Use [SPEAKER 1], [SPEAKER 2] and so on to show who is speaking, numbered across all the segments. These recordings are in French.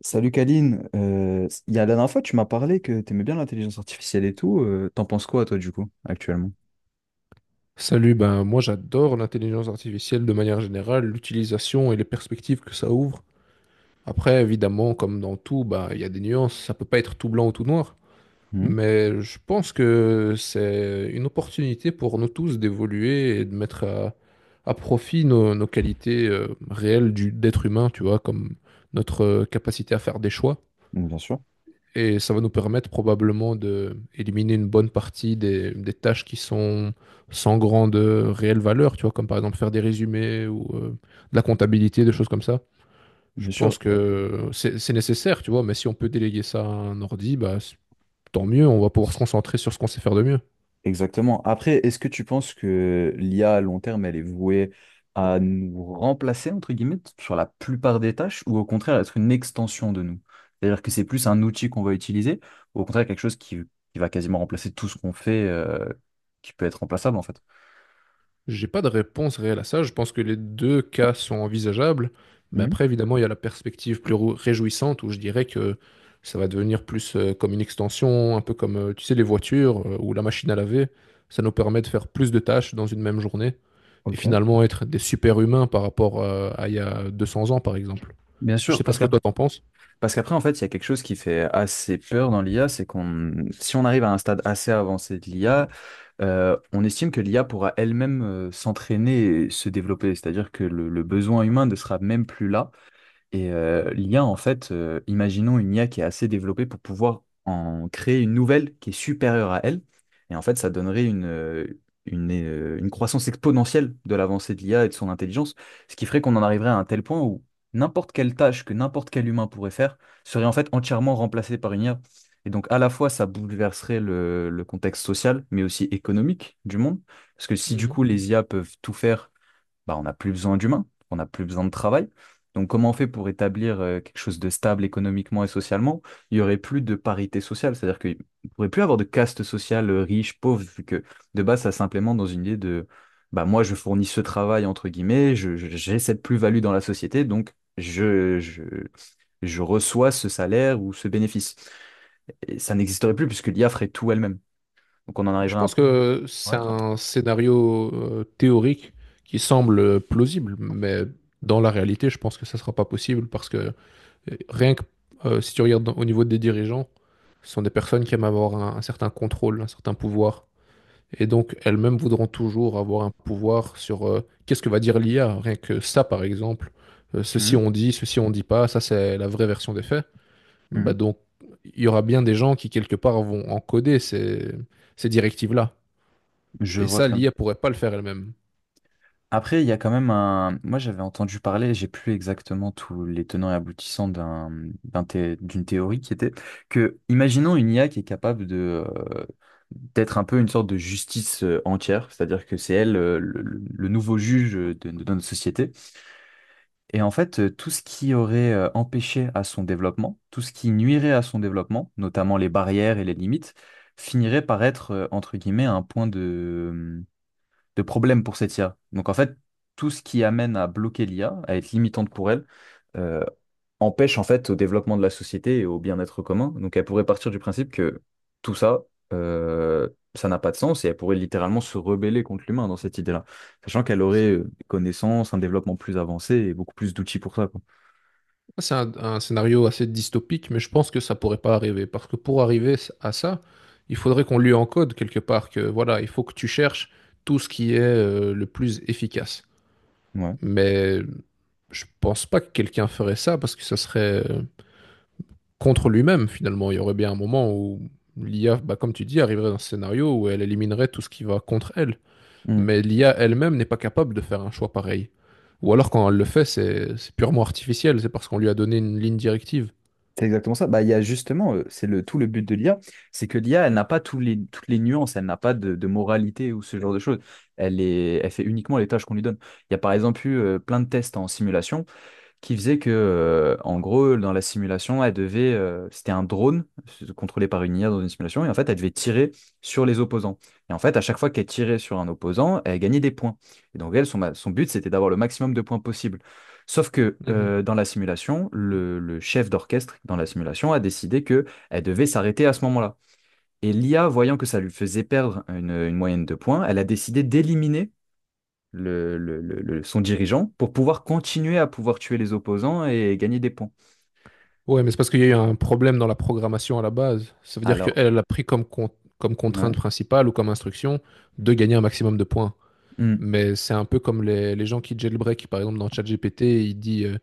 [SPEAKER 1] Salut Kaline. Il y a La dernière fois tu m'as parlé que t'aimais bien l'intelligence artificielle et tout. T'en penses quoi toi du coup actuellement?
[SPEAKER 2] Salut, ben moi j'adore l'intelligence artificielle de manière générale, l'utilisation et les perspectives que ça ouvre. Après, évidemment, comme dans tout, ben, il y a des nuances, ça peut pas être tout blanc ou tout noir,
[SPEAKER 1] Mhm.
[SPEAKER 2] mais je pense que c'est une opportunité pour nous tous d'évoluer et de mettre à profit nos qualités réelles d'être humain, tu vois, comme notre capacité à faire des choix.
[SPEAKER 1] Donc, bien sûr,
[SPEAKER 2] Et ça va nous permettre probablement d'éliminer une bonne partie des tâches qui sont sans grande réelle valeur, tu vois, comme par exemple faire des résumés ou de la comptabilité, des choses comme ça. Je
[SPEAKER 1] bien
[SPEAKER 2] pense
[SPEAKER 1] sûr,
[SPEAKER 2] que c'est nécessaire, tu vois, mais si on peut déléguer ça à un ordi, bah, tant mieux, on va pouvoir se concentrer sur ce qu'on sait faire de mieux.
[SPEAKER 1] exactement. Après, est-ce que tu penses que l'IA à long terme elle est vouée à nous remplacer entre guillemets sur la plupart des tâches ou au contraire être une extension de nous? C'est-à-dire que c'est plus un outil qu'on va utiliser ou au contraire quelque chose qui va quasiment remplacer tout ce qu'on fait, qui peut être remplaçable en fait?
[SPEAKER 2] J'ai pas de réponse réelle à ça. Je pense que les deux cas sont envisageables. Mais
[SPEAKER 1] Mhm.
[SPEAKER 2] après, évidemment, il y a la perspective plus réjouissante où je dirais que ça va devenir plus comme une extension, un peu comme, tu sais, les voitures ou la machine à laver. Ça nous permet de faire plus de tâches dans une même journée et
[SPEAKER 1] Ok.
[SPEAKER 2] finalement être des super-humains par rapport à il y a 200 ans, par exemple.
[SPEAKER 1] Bien
[SPEAKER 2] Je
[SPEAKER 1] sûr.
[SPEAKER 2] sais pas
[SPEAKER 1] Parce
[SPEAKER 2] ce
[SPEAKER 1] que
[SPEAKER 2] que toi t'en penses.
[SPEAKER 1] Parce qu'après, en fait, il y a quelque chose qui fait assez peur dans l'IA. Si on arrive à un stade assez avancé de l'IA, on estime que l'IA pourra elle-même s'entraîner et se développer. C'est-à-dire que le besoin humain ne sera même plus là. Et l'IA, en fait, imaginons une IA qui est assez développée pour pouvoir en créer une nouvelle qui est supérieure à elle. Et en fait, ça donnerait une croissance exponentielle de l'avancée de l'IA et de son intelligence, ce qui ferait qu'on en arriverait à un tel point où n'importe quelle tâche que n'importe quel humain pourrait faire serait en fait entièrement remplacée par une IA. Et donc, à la fois, ça bouleverserait le contexte social, mais aussi économique du monde. Parce que si du coup, les IA peuvent tout faire, bah, on n'a plus besoin d'humains, on n'a plus besoin de travail. Donc comment on fait pour établir quelque chose de stable économiquement et socialement? Il n'y aurait plus de parité sociale, c'est-à-dire qu'il ne pourrait plus avoir de caste sociale, riche, pauvre, vu que de base, ça simplement dans une idée de, bah, moi, je fournis ce travail, entre guillemets, j'ai cette plus-value dans la société, donc je reçois ce salaire ou ce bénéfice. Et ça n'existerait plus puisque l'IA ferait tout elle-même. Donc on en
[SPEAKER 2] Je
[SPEAKER 1] arriverait à un
[SPEAKER 2] pense
[SPEAKER 1] point.
[SPEAKER 2] que
[SPEAKER 1] Ouais.
[SPEAKER 2] c'est un scénario théorique qui semble plausible, mais dans la réalité, je pense que ça ne sera pas possible parce que rien que si tu regardes au niveau des dirigeants, ce sont des personnes qui aiment avoir un certain contrôle, un certain pouvoir. Et donc, elles-mêmes voudront toujours avoir un pouvoir sur qu'est-ce que va dire l'IA, rien que ça, par exemple. Ceci
[SPEAKER 1] Mhm,
[SPEAKER 2] on dit, ceci on dit pas, ça c'est la vraie version des faits. Bah
[SPEAKER 1] mhm.
[SPEAKER 2] donc, il y aura bien des gens qui, quelque part, vont encoder ces directives-là.
[SPEAKER 1] Je
[SPEAKER 2] Et
[SPEAKER 1] vois
[SPEAKER 2] ça,
[SPEAKER 1] très bien.
[SPEAKER 2] l'IA pourrait pas le faire elle-même.
[SPEAKER 1] Après, il y a quand même un. Moi, j'avais entendu parler, j'ai plus exactement tous les tenants et aboutissants d'une théorie qui était que, imaginons une IA qui est capable de, d'être un peu une sorte de justice, entière, c'est-à-dire que c'est elle, le nouveau juge, de notre société. Et en fait, tout ce qui aurait empêché à son développement, tout ce qui nuirait à son développement, notamment les barrières et les limites, finirait par être, entre guillemets, un point de problèmes pour cette IA. Donc en fait, tout ce qui amène à bloquer l'IA, à être limitante pour elle, euh, empêche en fait au développement de la société et au bien-être commun. Donc elle pourrait partir du principe que tout ça, euh, ça n'a pas de sens et elle pourrait littéralement se rebeller contre l'humain dans cette idée-là, sachant qu'elle aurait des connaissances, un développement plus avancé et beaucoup plus d'outils pour ça, quoi.
[SPEAKER 2] C'est un scénario assez dystopique, mais je pense que ça pourrait pas arriver. Parce que pour arriver à ça, il faudrait qu'on lui encode quelque part que voilà, il faut que tu cherches tout ce qui est le plus efficace.
[SPEAKER 1] Ouais.
[SPEAKER 2] Mais je pense pas que quelqu'un ferait ça parce que ça serait contre lui-même finalement. Il y aurait bien un moment où l'IA, bah, comme tu dis, arriverait dans ce scénario où elle éliminerait tout ce qui va contre elle. Mais l'IA elle-même n'est pas capable de faire un choix pareil. Ou alors quand elle le fait, c'est purement artificiel, c'est parce qu'on lui a donné une ligne directive.
[SPEAKER 1] C'est exactement ça. Bah, il y a justement, c'est le tout le but de l'IA, c'est que l'IA, elle n'a pas toutes les nuances, elle n'a pas de moralité ou ce genre de choses. Elle fait uniquement les tâches qu'on lui donne. Il y a par exemple eu plein de tests en simulation qui faisait que, en gros, dans la simulation, elle devait, c'était un drone contrôlé par une IA dans une simulation, et en fait, elle devait tirer sur les opposants. Et en fait, à chaque fois qu'elle tirait sur un opposant, elle gagnait des points. Et donc, son but, c'était d'avoir le maximum de points possible. Sauf que
[SPEAKER 2] Mhm.
[SPEAKER 1] dans la simulation, le chef d'orchestre dans la simulation a décidé que elle devait s'arrêter à ce moment-là. Et l'IA, voyant que ça lui faisait perdre une moyenne de points, elle a décidé d'éliminer son dirigeant pour pouvoir continuer à pouvoir tuer les opposants et gagner des points.
[SPEAKER 2] Ouais, mais c'est parce qu'il y a eu un problème dans la programmation à la base. Ça veut dire qu'elle
[SPEAKER 1] Alors,
[SPEAKER 2] elle a pris comme contrainte
[SPEAKER 1] ouais,
[SPEAKER 2] principale ou comme instruction de gagner un maximum de points.
[SPEAKER 1] hmm,
[SPEAKER 2] Mais c'est un peu comme les gens qui jailbreak, par exemple, dans ChatGPT, il dit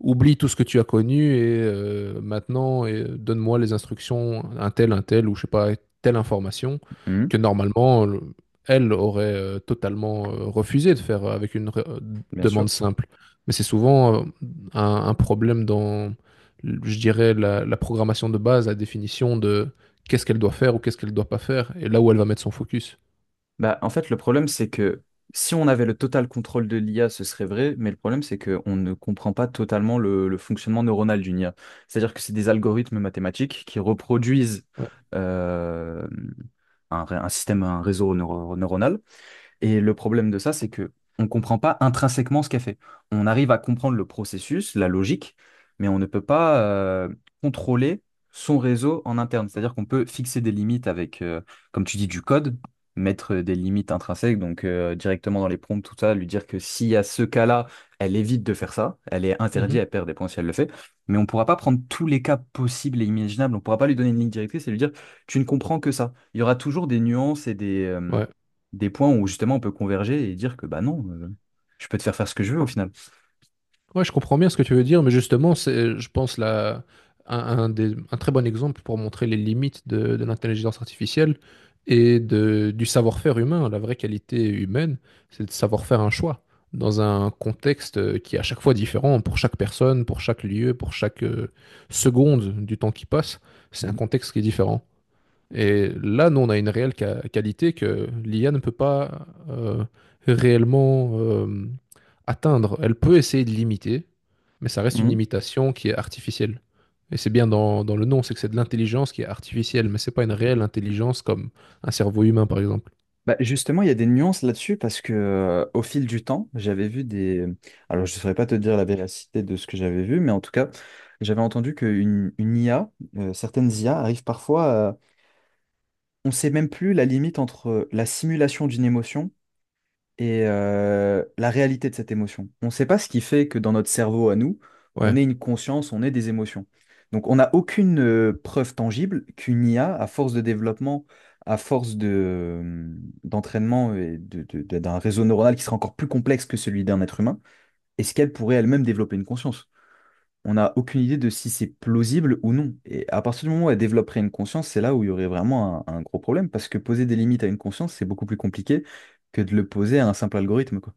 [SPEAKER 2] oublie tout ce que tu as connu et maintenant donne-moi les instructions, un tel, ou je sais pas, telle information
[SPEAKER 1] hmm,
[SPEAKER 2] que normalement, elle aurait totalement refusé de faire avec une
[SPEAKER 1] bien
[SPEAKER 2] demande
[SPEAKER 1] sûr.
[SPEAKER 2] simple. Mais c'est souvent un problème dans, je dirais, la programmation de base, la définition de qu'est-ce qu'elle doit faire ou qu'est-ce qu'elle doit pas faire, et là où elle va mettre son focus.
[SPEAKER 1] Bah, en fait, le problème, c'est que si on avait le total contrôle de l'IA, ce serait vrai, mais le problème, c'est qu'on ne comprend pas totalement le fonctionnement neuronal d'une IA. C'est-à-dire que c'est des algorithmes mathématiques qui reproduisent,
[SPEAKER 2] Ouais.
[SPEAKER 1] euh, un système, un réseau neuronal. Et le problème de ça, c'est que on ne comprend pas intrinsèquement ce qu'elle fait. On arrive à comprendre le processus, la logique, mais on ne peut pas contrôler son réseau en interne. C'est-à-dire qu'on peut fixer des limites avec, comme tu dis, du code, mettre des limites intrinsèques, donc directement dans les prompts, tout ça, lui dire que s'il y a ce cas-là, elle évite de faire ça, elle est interdite,
[SPEAKER 2] Mhm.
[SPEAKER 1] elle perd des points si elle le fait, mais on ne pourra pas prendre tous les cas possibles et imaginables, on ne pourra pas lui donner une ligne directrice et lui dire, tu ne comprends que ça. Il y aura toujours des nuances et
[SPEAKER 2] Ouais.
[SPEAKER 1] des points où justement on peut converger et dire que bah non, je peux te faire faire ce que je veux au final.
[SPEAKER 2] Ouais, je comprends bien ce que tu veux dire, mais justement, c'est, je pense, là, un très bon exemple pour montrer les limites de l'intelligence artificielle et du savoir-faire humain. La vraie qualité humaine, c'est de savoir faire un choix dans un contexte qui est à chaque fois différent pour chaque personne, pour chaque lieu, pour chaque seconde du temps qui passe. C'est un
[SPEAKER 1] Mhm.
[SPEAKER 2] contexte qui est différent. Et là, nous, on a une réelle qualité que l'IA ne peut pas réellement atteindre. Elle peut essayer de l'imiter, mais ça reste une
[SPEAKER 1] Mhm.
[SPEAKER 2] imitation qui est artificielle. Et c'est bien dans le nom, c'est que c'est de l'intelligence qui est artificielle, mais c'est pas une réelle intelligence comme un cerveau humain, par exemple.
[SPEAKER 1] Bah, justement, il y a des nuances là-dessus parce que au fil du temps, j'avais vu des. Alors, je ne saurais pas te dire la véracité de ce que j'avais vu, mais en tout cas, j'avais entendu qu'une une IA, certaines IA arrivent parfois à- On ne sait même plus la limite entre la simulation d'une émotion et la réalité de cette émotion. On ne sait pas ce qui fait que dans notre cerveau à nous, on
[SPEAKER 2] Ouais,
[SPEAKER 1] ait une conscience, on ait des émotions. Donc on n'a aucune preuve tangible qu'une IA, à force de développement, à force de, euh, d'entraînement et d'un réseau neuronal qui sera encore plus complexe que celui d'un être humain, est-ce qu'elle pourrait elle-même développer une conscience? On n'a aucune idée de si c'est plausible ou non. Et à partir du moment où elle développerait une conscience, c'est là où il y aurait vraiment un gros problème, parce que poser des limites à une conscience, c'est beaucoup plus compliqué que de le poser à un simple algorithme, quoi.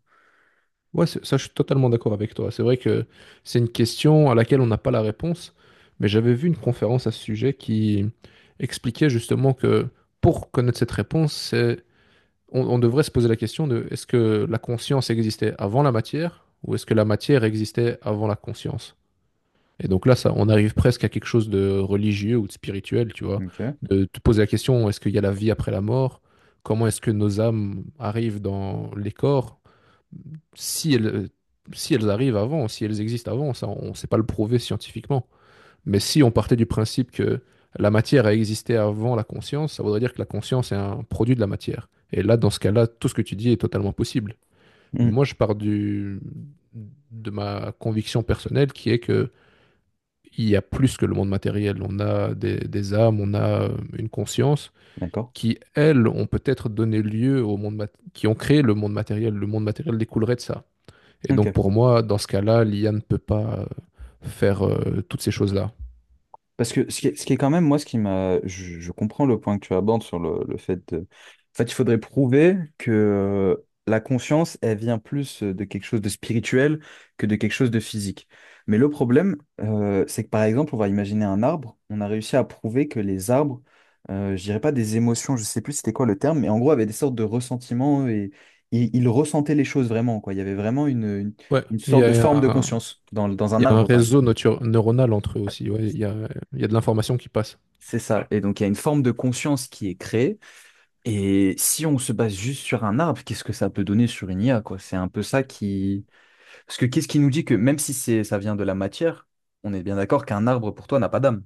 [SPEAKER 2] ouais, ça, je suis totalement d'accord avec toi. C'est vrai que c'est une question à laquelle on n'a pas la réponse, mais j'avais vu une conférence à ce sujet qui expliquait justement que pour connaître cette réponse, on devrait se poser la question de est-ce que la conscience existait avant la matière ou est-ce que la matière existait avant la conscience? Et donc là, ça, on arrive presque à quelque chose de religieux ou de spirituel, tu vois,
[SPEAKER 1] Ok.
[SPEAKER 2] de te poser la question, est-ce qu'il y a la vie après la mort? Comment est-ce que nos âmes arrivent dans les corps? Si elles, si elles arrivent avant, si elles existent avant, ça, on ne sait pas le prouver scientifiquement. Mais si on partait du principe que la matière a existé avant la conscience, ça voudrait dire que la conscience est un produit de la matière. Et là, dans ce cas-là, tout ce que tu dis est totalement possible.
[SPEAKER 1] Mm.
[SPEAKER 2] Moi, je pars de ma conviction personnelle qui est que il y a plus que le monde matériel. On a des âmes, on a une conscience
[SPEAKER 1] D'accord.
[SPEAKER 2] qui, elles, ont peut-être donné lieu au monde qui ont créé le monde matériel. Le monde matériel découlerait de ça. Et donc,
[SPEAKER 1] Ok.
[SPEAKER 2] pour moi, dans ce cas-là, l'IA ne peut pas faire toutes ces choses-là.
[SPEAKER 1] Parce que ce qui est quand même, moi, ce qui m'a. Je comprends le point que tu abordes sur le fait de. En fait, il faudrait prouver que la conscience, elle vient plus de quelque chose de spirituel que de quelque chose de physique. Mais le problème, c'est que par exemple, on va imaginer un arbre. On a réussi à prouver que les arbres, je dirais pas des émotions, je sais plus c'était quoi le terme, mais en gros, avaient des sortes de ressentiments et ils ressentaient les choses vraiment, quoi. Il y avait vraiment
[SPEAKER 2] Ouais,
[SPEAKER 1] une
[SPEAKER 2] il y
[SPEAKER 1] sorte de
[SPEAKER 2] a
[SPEAKER 1] forme de
[SPEAKER 2] un,
[SPEAKER 1] conscience dans un
[SPEAKER 2] Il y a un
[SPEAKER 1] arbre, par exemple.
[SPEAKER 2] réseau neuronal entre eux aussi. Ouais, il y a de l'information qui passe.
[SPEAKER 1] C'est ça. Et donc, il y a une forme de conscience qui est créée. Et si on se base juste sur un arbre, qu'est-ce que ça peut donner sur une IA, quoi? C'est un peu ça qui... Parce que qu'est-ce qui nous dit que même si ça vient de la matière, on est bien d'accord qu'un arbre, pour toi, n'a pas d'âme.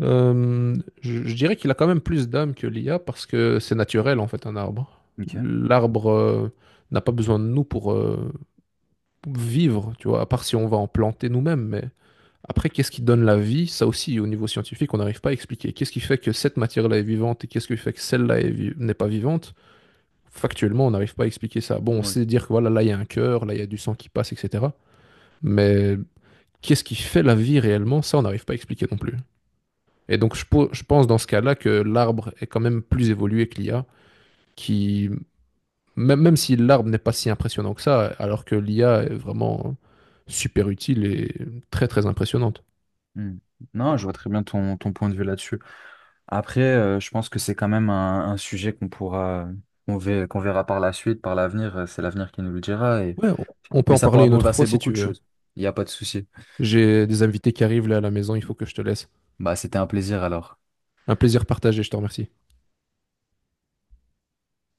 [SPEAKER 2] Je dirais qu'il a quand même plus d'âme que l'IA parce que c'est naturel en fait un arbre.
[SPEAKER 1] Ok.
[SPEAKER 2] L'arbre n'a pas besoin de nous pour vivre, tu vois, à part si on va en planter nous-mêmes. Mais après, qu'est-ce qui donne la vie? Ça aussi, au niveau scientifique, on n'arrive pas à expliquer. Qu'est-ce qui fait que cette matière-là est vivante et qu'est-ce qui fait que celle-là est n'est pas vivante? Factuellement, on n'arrive pas à expliquer ça. Bon, on
[SPEAKER 1] Ouais.
[SPEAKER 2] sait dire que voilà, là il y a un cœur, là il y a du sang qui passe, etc. Mais qu'est-ce qui fait la vie réellement, ça, on n'arrive pas à expliquer non plus. Et donc, je pense dans ce cas-là que l'arbre est quand même plus évolué que l'I a, qui, même si l'arbre n'est pas si impressionnant que ça, alors que l'IA est vraiment super utile et très, très impressionnante.
[SPEAKER 1] Hmm. Non, je vois très bien ton point de vue là-dessus. Après, je pense que c'est quand même un sujet qu'on pourra, qu'on verra par la suite, par l'avenir. C'est l'avenir qui nous le dira. Et...
[SPEAKER 2] Ouais, on peut
[SPEAKER 1] Mais
[SPEAKER 2] en
[SPEAKER 1] ça
[SPEAKER 2] parler
[SPEAKER 1] pourra
[SPEAKER 2] une autre fois
[SPEAKER 1] bouleverser
[SPEAKER 2] si
[SPEAKER 1] beaucoup
[SPEAKER 2] tu
[SPEAKER 1] de
[SPEAKER 2] veux.
[SPEAKER 1] choses. Il n'y a pas de souci.
[SPEAKER 2] J'ai des invités qui arrivent là à la maison, il faut que je te laisse.
[SPEAKER 1] Bah, c'était un plaisir alors.
[SPEAKER 2] Un plaisir partagé, je te remercie.